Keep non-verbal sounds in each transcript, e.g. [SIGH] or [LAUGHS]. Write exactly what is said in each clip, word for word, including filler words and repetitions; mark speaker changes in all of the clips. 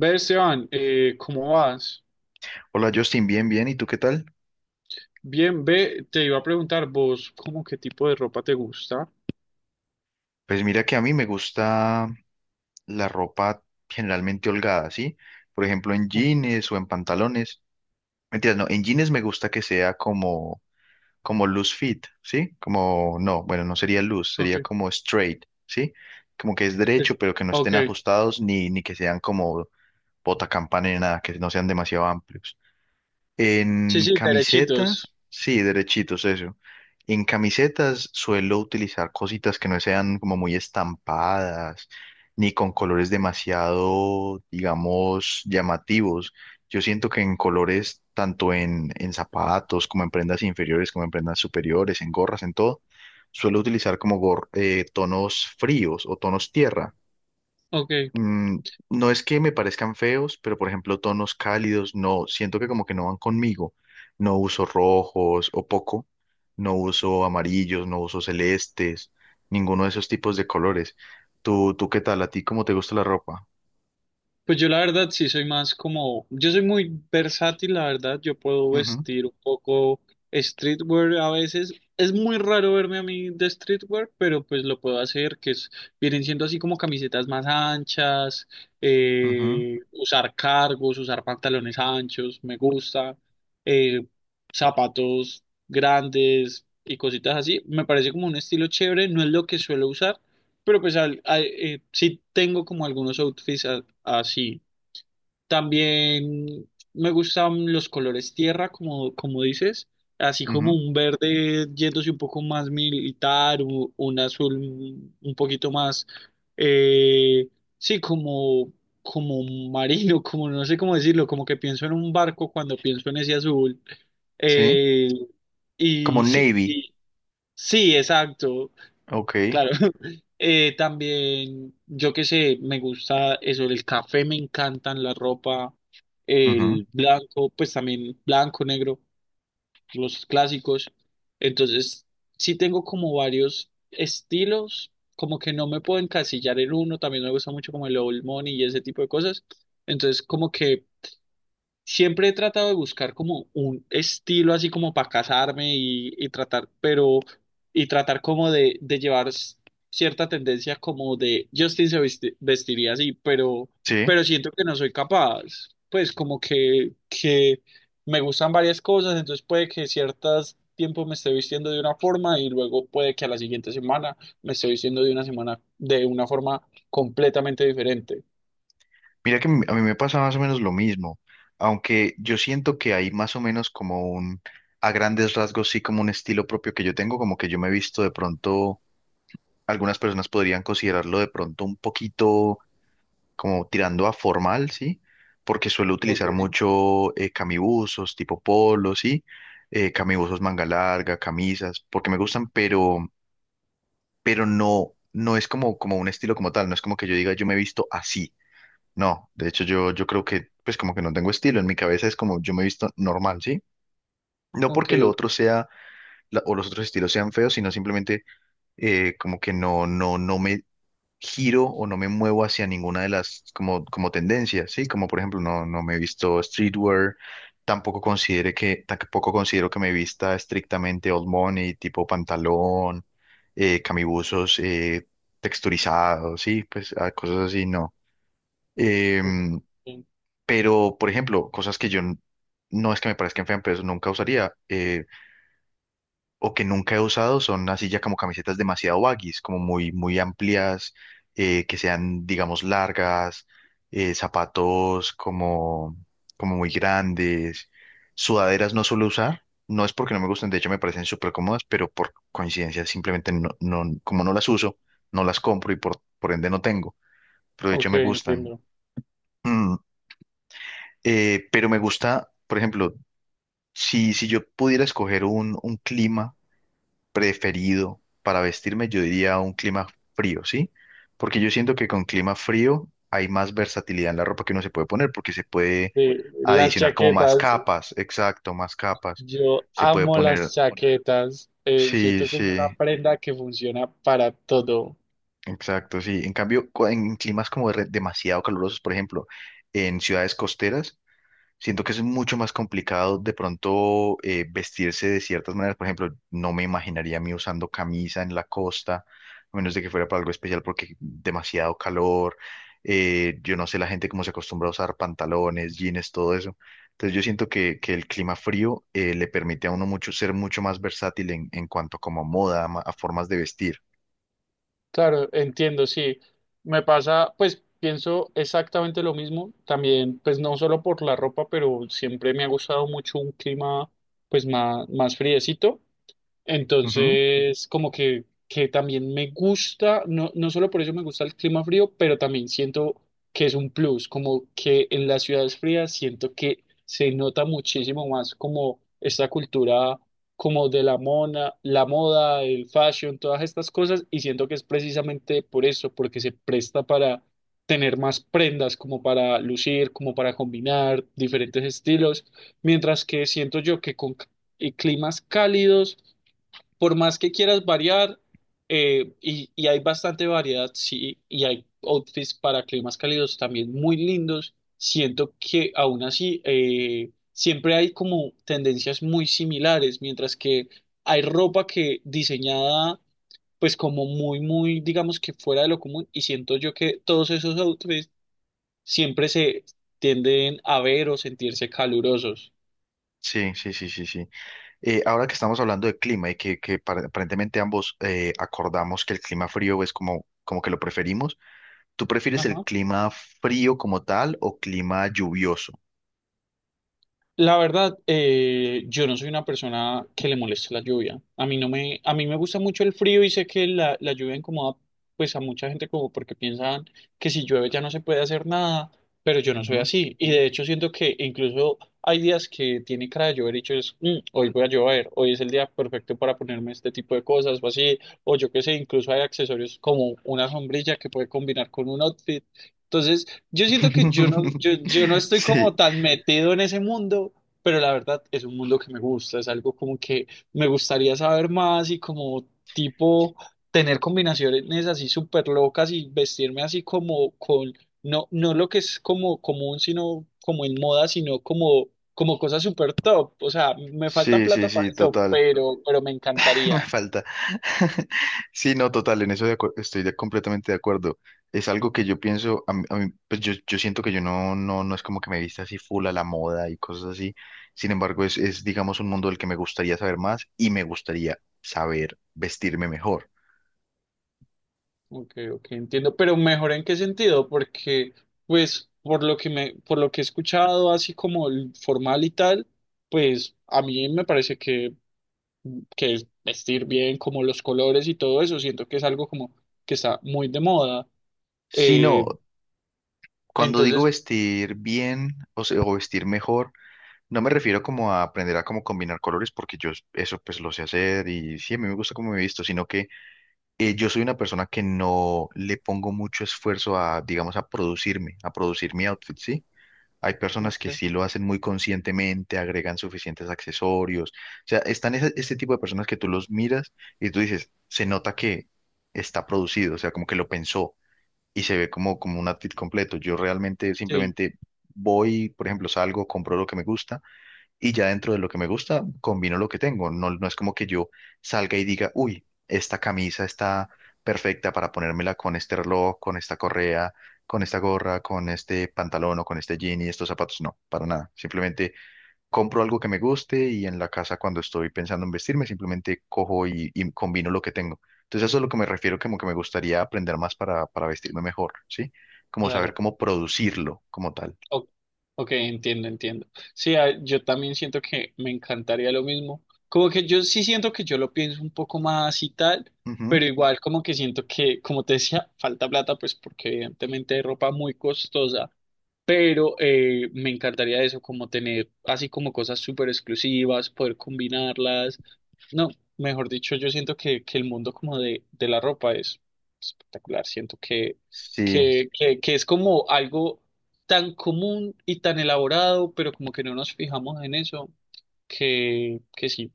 Speaker 1: Ve, Esteban, eh, ¿cómo vas?
Speaker 2: Hola Justin, bien, bien. ¿Y tú qué tal?
Speaker 1: Bien, ve, te iba a preguntar vos, ¿cómo qué tipo de ropa te gusta?
Speaker 2: Pues mira que a mí me gusta la ropa generalmente holgada, ¿sí? Por ejemplo, en
Speaker 1: Oh.
Speaker 2: jeans o en pantalones. Mentiras, no, en jeans me gusta que sea como, como loose fit, ¿sí? Como, no, bueno, no sería loose,
Speaker 1: Ok.
Speaker 2: sería como straight, ¿sí? Como que es
Speaker 1: es-
Speaker 2: derecho, pero que no
Speaker 1: ok,
Speaker 2: estén ajustados ni, ni que sean como bota campana ni nada, que no sean demasiado amplios.
Speaker 1: sí,
Speaker 2: En
Speaker 1: sí, derechitos,
Speaker 2: camisetas, sí, derechitos, eso. En camisetas suelo utilizar cositas que no sean como muy estampadas, ni con colores demasiado, digamos, llamativos. Yo siento que en colores, tanto en, en zapatos, como en prendas inferiores, como en prendas superiores, en gorras, en todo, suelo utilizar como gor- eh, tonos fríos o tonos tierra.
Speaker 1: ok.
Speaker 2: mm, no es que me parezcan feos, pero por ejemplo, tonos cálidos, no, siento que como que no van conmigo. No uso rojos o poco, no uso amarillos, no uso celestes, ninguno de esos tipos de colores. ¿Tú, tú qué tal? ¿A ti cómo te gusta la ropa?
Speaker 1: Pues yo la verdad sí soy más como, yo soy muy versátil, la verdad, yo puedo
Speaker 2: Ujú,
Speaker 1: vestir un poco streetwear a veces. Es muy raro verme a mí de streetwear, pero pues lo puedo hacer, que es, vienen siendo así como camisetas más anchas,
Speaker 2: ujú,
Speaker 1: eh, usar cargos, usar pantalones anchos, me gusta, eh, zapatos grandes y cositas así. Me parece como un estilo chévere, no es lo que suelo usar, pero pues al, al- eh, sí tengo como algunos outfits a- así. También me gustan los colores tierra, como, como dices, así como
Speaker 2: ujú.
Speaker 1: un verde yéndose un poco más militar, u- un azul un un poquito más, eh, sí, como, como marino, [LAUGHS] como no sé cómo decirlo, como que pienso en un barco cuando pienso en ese azul.
Speaker 2: Sí,
Speaker 1: Eh,
Speaker 2: como
Speaker 1: y sí,
Speaker 2: navy,
Speaker 1: y, sí, exacto,
Speaker 2: ok,
Speaker 1: claro. Eh, también, yo qué sé, me gusta eso, el café, me encantan la ropa,
Speaker 2: ujú.
Speaker 1: el blanco, pues también blanco, negro, los clásicos. Entonces, sí tengo como varios estilos, como que no me puedo encasillar en uno, también me gusta mucho como el old money y ese tipo de cosas. Entonces, como que siempre he tratado de buscar como un estilo así como para casarme y, y tratar, pero, y tratar como de, de llevar s- cierta tendencia como de Justin se vesti- vestiría así, pero,
Speaker 2: Sí.
Speaker 1: pero siento que no soy capaz. Pues como que, que me gustan varias cosas, entonces puede que ciertos tiempos me esté vistiendo de una forma y luego puede que a la siguiente semana me esté vistiendo de una semana de una forma completamente diferente.
Speaker 2: Mira que m- a mí me pasa más o menos lo mismo, aunque yo siento que hay más o menos como un, a grandes rasgos, sí como un estilo propio que yo tengo, como que yo me he visto de pronto, algunas personas podrían considerarlo de pronto un poquito como tirando a formal, ¿sí? Porque suelo
Speaker 1: Ok,
Speaker 2: utilizar mucho eh, camibuzos, tipo polos, ¿sí? Eh, camibuzos manga larga, camisas, porque me gustan, pero, pero no, no es como, como un estilo como tal, no es como que yo diga yo me he visto así. No, de hecho yo, yo creo que pues como que no tengo estilo, en mi cabeza es como yo me he visto normal, ¿sí? No
Speaker 1: ok,
Speaker 2: porque lo otro
Speaker 1: ok.
Speaker 2: sea la- o los otros estilos sean feos, sino simplemente eh, como que no, no, no me giro o no me muevo hacia ninguna de las como, como tendencias, ¿sí? Como por ejemplo no, no me he visto streetwear, tampoco considere que, tampoco considero que me vista estrictamente old money, tipo pantalón, eh, camibuzos eh, texturizados, sí, pues ah, cosas así, no. Em,
Speaker 1: Ok.
Speaker 2: pero, por ejemplo, cosas que yo n- no es que me parezcan feas, pero nunca usaría eh, o que nunca he usado son así ya como camisetas demasiado baggies, como muy, muy amplias, eh, que sean, digamos, largas, eh, zapatos como, como muy grandes, sudaderas no suelo usar. No es porque no me gusten, de hecho me parecen súper cómodas, pero por coincidencia simplemente no, no- como no las uso, no las compro y por, por ende no tengo, pero de hecho
Speaker 1: Ok,
Speaker 2: me gustan.
Speaker 1: entiendo.
Speaker 2: Mm, eh, pero me gusta, por ejemplo, si, si yo pudiera escoger un, un clima preferido para vestirme, yo diría un clima frío, ¿sí? Porque yo siento que con clima frío hay más versatilidad en la ropa que uno se puede poner, porque se puede
Speaker 1: Sí, las
Speaker 2: adicionar como más
Speaker 1: chaquetas,
Speaker 2: capas, exacto, más capas.
Speaker 1: yo
Speaker 2: Se puede
Speaker 1: amo las
Speaker 2: poner,
Speaker 1: chaquetas. Eh,
Speaker 2: sí,
Speaker 1: siento que es una
Speaker 2: sí,
Speaker 1: prenda que funciona para todo.
Speaker 2: exacto, sí. En cambio, cu- en climas como de- demasiado calurosos, por ejemplo, en ciudades costeras, siento que es mucho más complicado de pronto eh, vestirse de ciertas maneras. Por ejemplo, no me imaginaría a mí usando camisa en la costa, a menos de que fuera para algo especial porque demasiado calor. Eh, yo no sé la gente cómo se acostumbra a usar pantalones, jeans, todo eso. Entonces yo siento que, que el clima frío eh, le permite a uno mucho ser mucho más versátil en, en cuanto como moda, ma- a formas de vestir.
Speaker 1: Claro, entiendo, sí. Me pasa, pues pienso exactamente lo mismo. También, pues no solo por la ropa, pero siempre me ha gustado mucho un clima, pues más, más friecito.
Speaker 2: Ujú.
Speaker 1: Entonces, como que, que también me gusta, no, no solo por eso me gusta el clima frío, pero también siento que es un plus, como que en las ciudades frías siento que se nota muchísimo más como esta cultura como de la mona, la moda, el fashion, todas estas cosas, y siento que es precisamente por eso, porque se presta para tener más prendas, como para lucir, como para combinar diferentes estilos, mientras que siento yo que con c- y climas cálidos, por más que quieras variar, eh, y, y hay bastante variedad, sí, y hay outfits para climas cálidos también muy lindos, siento que aún así eh, siempre hay como tendencias muy similares, mientras que hay ropa que diseñada pues como muy, muy, digamos que fuera de lo común, y siento yo que todos esos outfits siempre se tienden a ver o sentirse calurosos.
Speaker 2: Sí, sí, sí, sí, sí. Eh, ahora que estamos hablando de clima y que, que par- aparentemente ambos eh, acordamos que el clima frío es como, como que lo preferimos, ¿tú prefieres el
Speaker 1: Ajá.
Speaker 2: clima frío como tal o clima lluvioso?
Speaker 1: La verdad, eh, yo no soy una persona que le moleste la lluvia. A mí no me, a mí me gusta mucho el frío y sé que la, la lluvia incomoda pues a mucha gente como porque piensan que si llueve ya no se puede hacer nada, pero yo no soy
Speaker 2: Ujú.
Speaker 1: así. Y de hecho siento que incluso hay días que tiene cara de llover y yo es, "Mm, hoy voy a llover, hoy es el día perfecto para ponerme este tipo de cosas o así, o yo qué sé, incluso hay accesorios como una sombrilla que puede combinar con un outfit". Entonces, yo siento que yo no,
Speaker 2: [LAUGHS]
Speaker 1: yo, yo no estoy
Speaker 2: Sí,
Speaker 1: como tan metido en ese mundo, pero la verdad es un mundo que me gusta, es algo como que me gustaría saber más y como tipo tener combinaciones así súper locas y vestirme así como con, no, no lo que es como común, sino como en moda, sino como, como cosas súper top. O sea, me falta
Speaker 2: sí, sí,
Speaker 1: plata para
Speaker 2: sí,
Speaker 1: eso,
Speaker 2: total.
Speaker 1: pero, pero me
Speaker 2: [LAUGHS] Me
Speaker 1: encantaría.
Speaker 2: falta. [LAUGHS] Sí, no, total, en eso de acuer- estoy de- completamente de acuerdo. Es algo que yo pienso, a mí- a mí, pues yo, yo siento que yo no, no, no es como que me vista así full a la moda y cosas así. Sin embargo, es, es, digamos, un mundo del que me gustaría saber más y me gustaría saber vestirme mejor.
Speaker 1: Ok, ok, entiendo, pero mejor en qué sentido, porque pues por lo que me, por lo que he escuchado así como el formal y tal, pues a mí me parece que, que es vestir bien como los colores y todo eso, siento que es algo como que está muy de moda.
Speaker 2: Si no,
Speaker 1: Eh,
Speaker 2: cuando digo
Speaker 1: entonces,
Speaker 2: vestir bien o, se- o vestir mejor, no me refiero como a aprender a cómo combinar colores, porque yo eso pues lo sé hacer y sí, a mí me gusta cómo me he visto, sino que eh, yo soy una persona que no le pongo mucho esfuerzo a, digamos, a producirme, a producir mi outfit, ¿sí? Hay personas que
Speaker 1: ok,
Speaker 2: sí lo hacen muy conscientemente, agregan suficientes accesorios. O sea, están ese, ese tipo de personas que tú los miras y tú dices, se nota que está producido, o sea, como que lo pensó y se ve como, como un outfit completo. Yo realmente
Speaker 1: sí,
Speaker 2: simplemente voy, por ejemplo, salgo, compro lo que me gusta y ya dentro de lo que me gusta, combino lo que tengo. No, no es como que yo salga y diga, uy, esta camisa está perfecta para ponérmela con este reloj, con esta correa, con esta gorra, con este pantalón o con este jean y estos zapatos. No, para nada. Simplemente compro algo que me guste y en la casa cuando estoy pensando en vestirme, simplemente cojo y, y combino lo que tengo. Entonces eso es lo que me refiero, como que me gustaría aprender más para, para vestirme mejor, ¿sí? Como saber
Speaker 1: claro.
Speaker 2: cómo producirlo como tal.
Speaker 1: O- Ok, entiendo, entiendo. Sí, ah, yo también siento que me encantaría lo mismo. Como que yo sí siento que yo lo pienso un poco más y tal,
Speaker 2: Ujú.
Speaker 1: pero igual como que siento que, como te decía, [LAUGHS] falta plata, pues porque evidentemente hay ropa muy costosa, pero eh, me encantaría eso, como tener así como cosas súper exclusivas, poder combinarlas, no, mejor dicho, yo siento que, que el mundo como de, de la ropa es espectacular. Siento que,
Speaker 2: Sí.
Speaker 1: que, que, que es como algo tan común y tan elaborado, pero como que no nos fijamos en eso, que, que sí.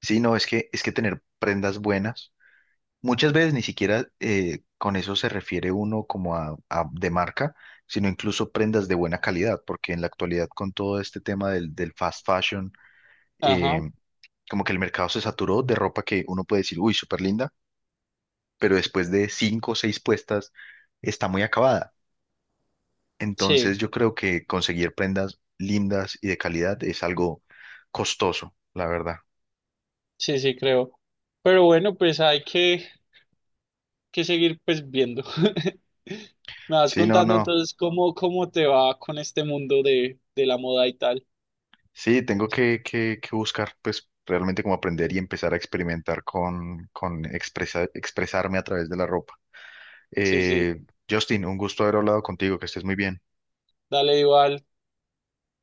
Speaker 2: Sí, no, es que, es que tener prendas buenas, muchas veces ni siquiera eh, con eso se refiere uno como a, a- de marca, sino incluso prendas de buena calidad, porque en la actualidad con todo este tema del, del fast fashion, eh,
Speaker 1: Ajá,
Speaker 2: como que el mercado se saturó de ropa que uno puede decir, uy, súper linda, pero después de cinco o seis puestas está muy acabada. Entonces
Speaker 1: sí,
Speaker 2: yo creo que conseguir prendas lindas y de calidad es algo costoso, la verdad.
Speaker 1: sí, sí, creo. Pero bueno, pues hay que, que seguir pues viendo. [LAUGHS] Me vas
Speaker 2: Sí, no,
Speaker 1: contando
Speaker 2: no.
Speaker 1: entonces cómo, cómo te va con este mundo de, de la moda y tal.
Speaker 2: Sí, tengo que, que- que buscar, pues, realmente como aprender y empezar a experimentar con, con expresa- expresarme a través de la ropa.
Speaker 1: Sí, sí.
Speaker 2: Eh, Justin, un gusto haber hablado contigo, que estés muy bien.
Speaker 1: Dale igual.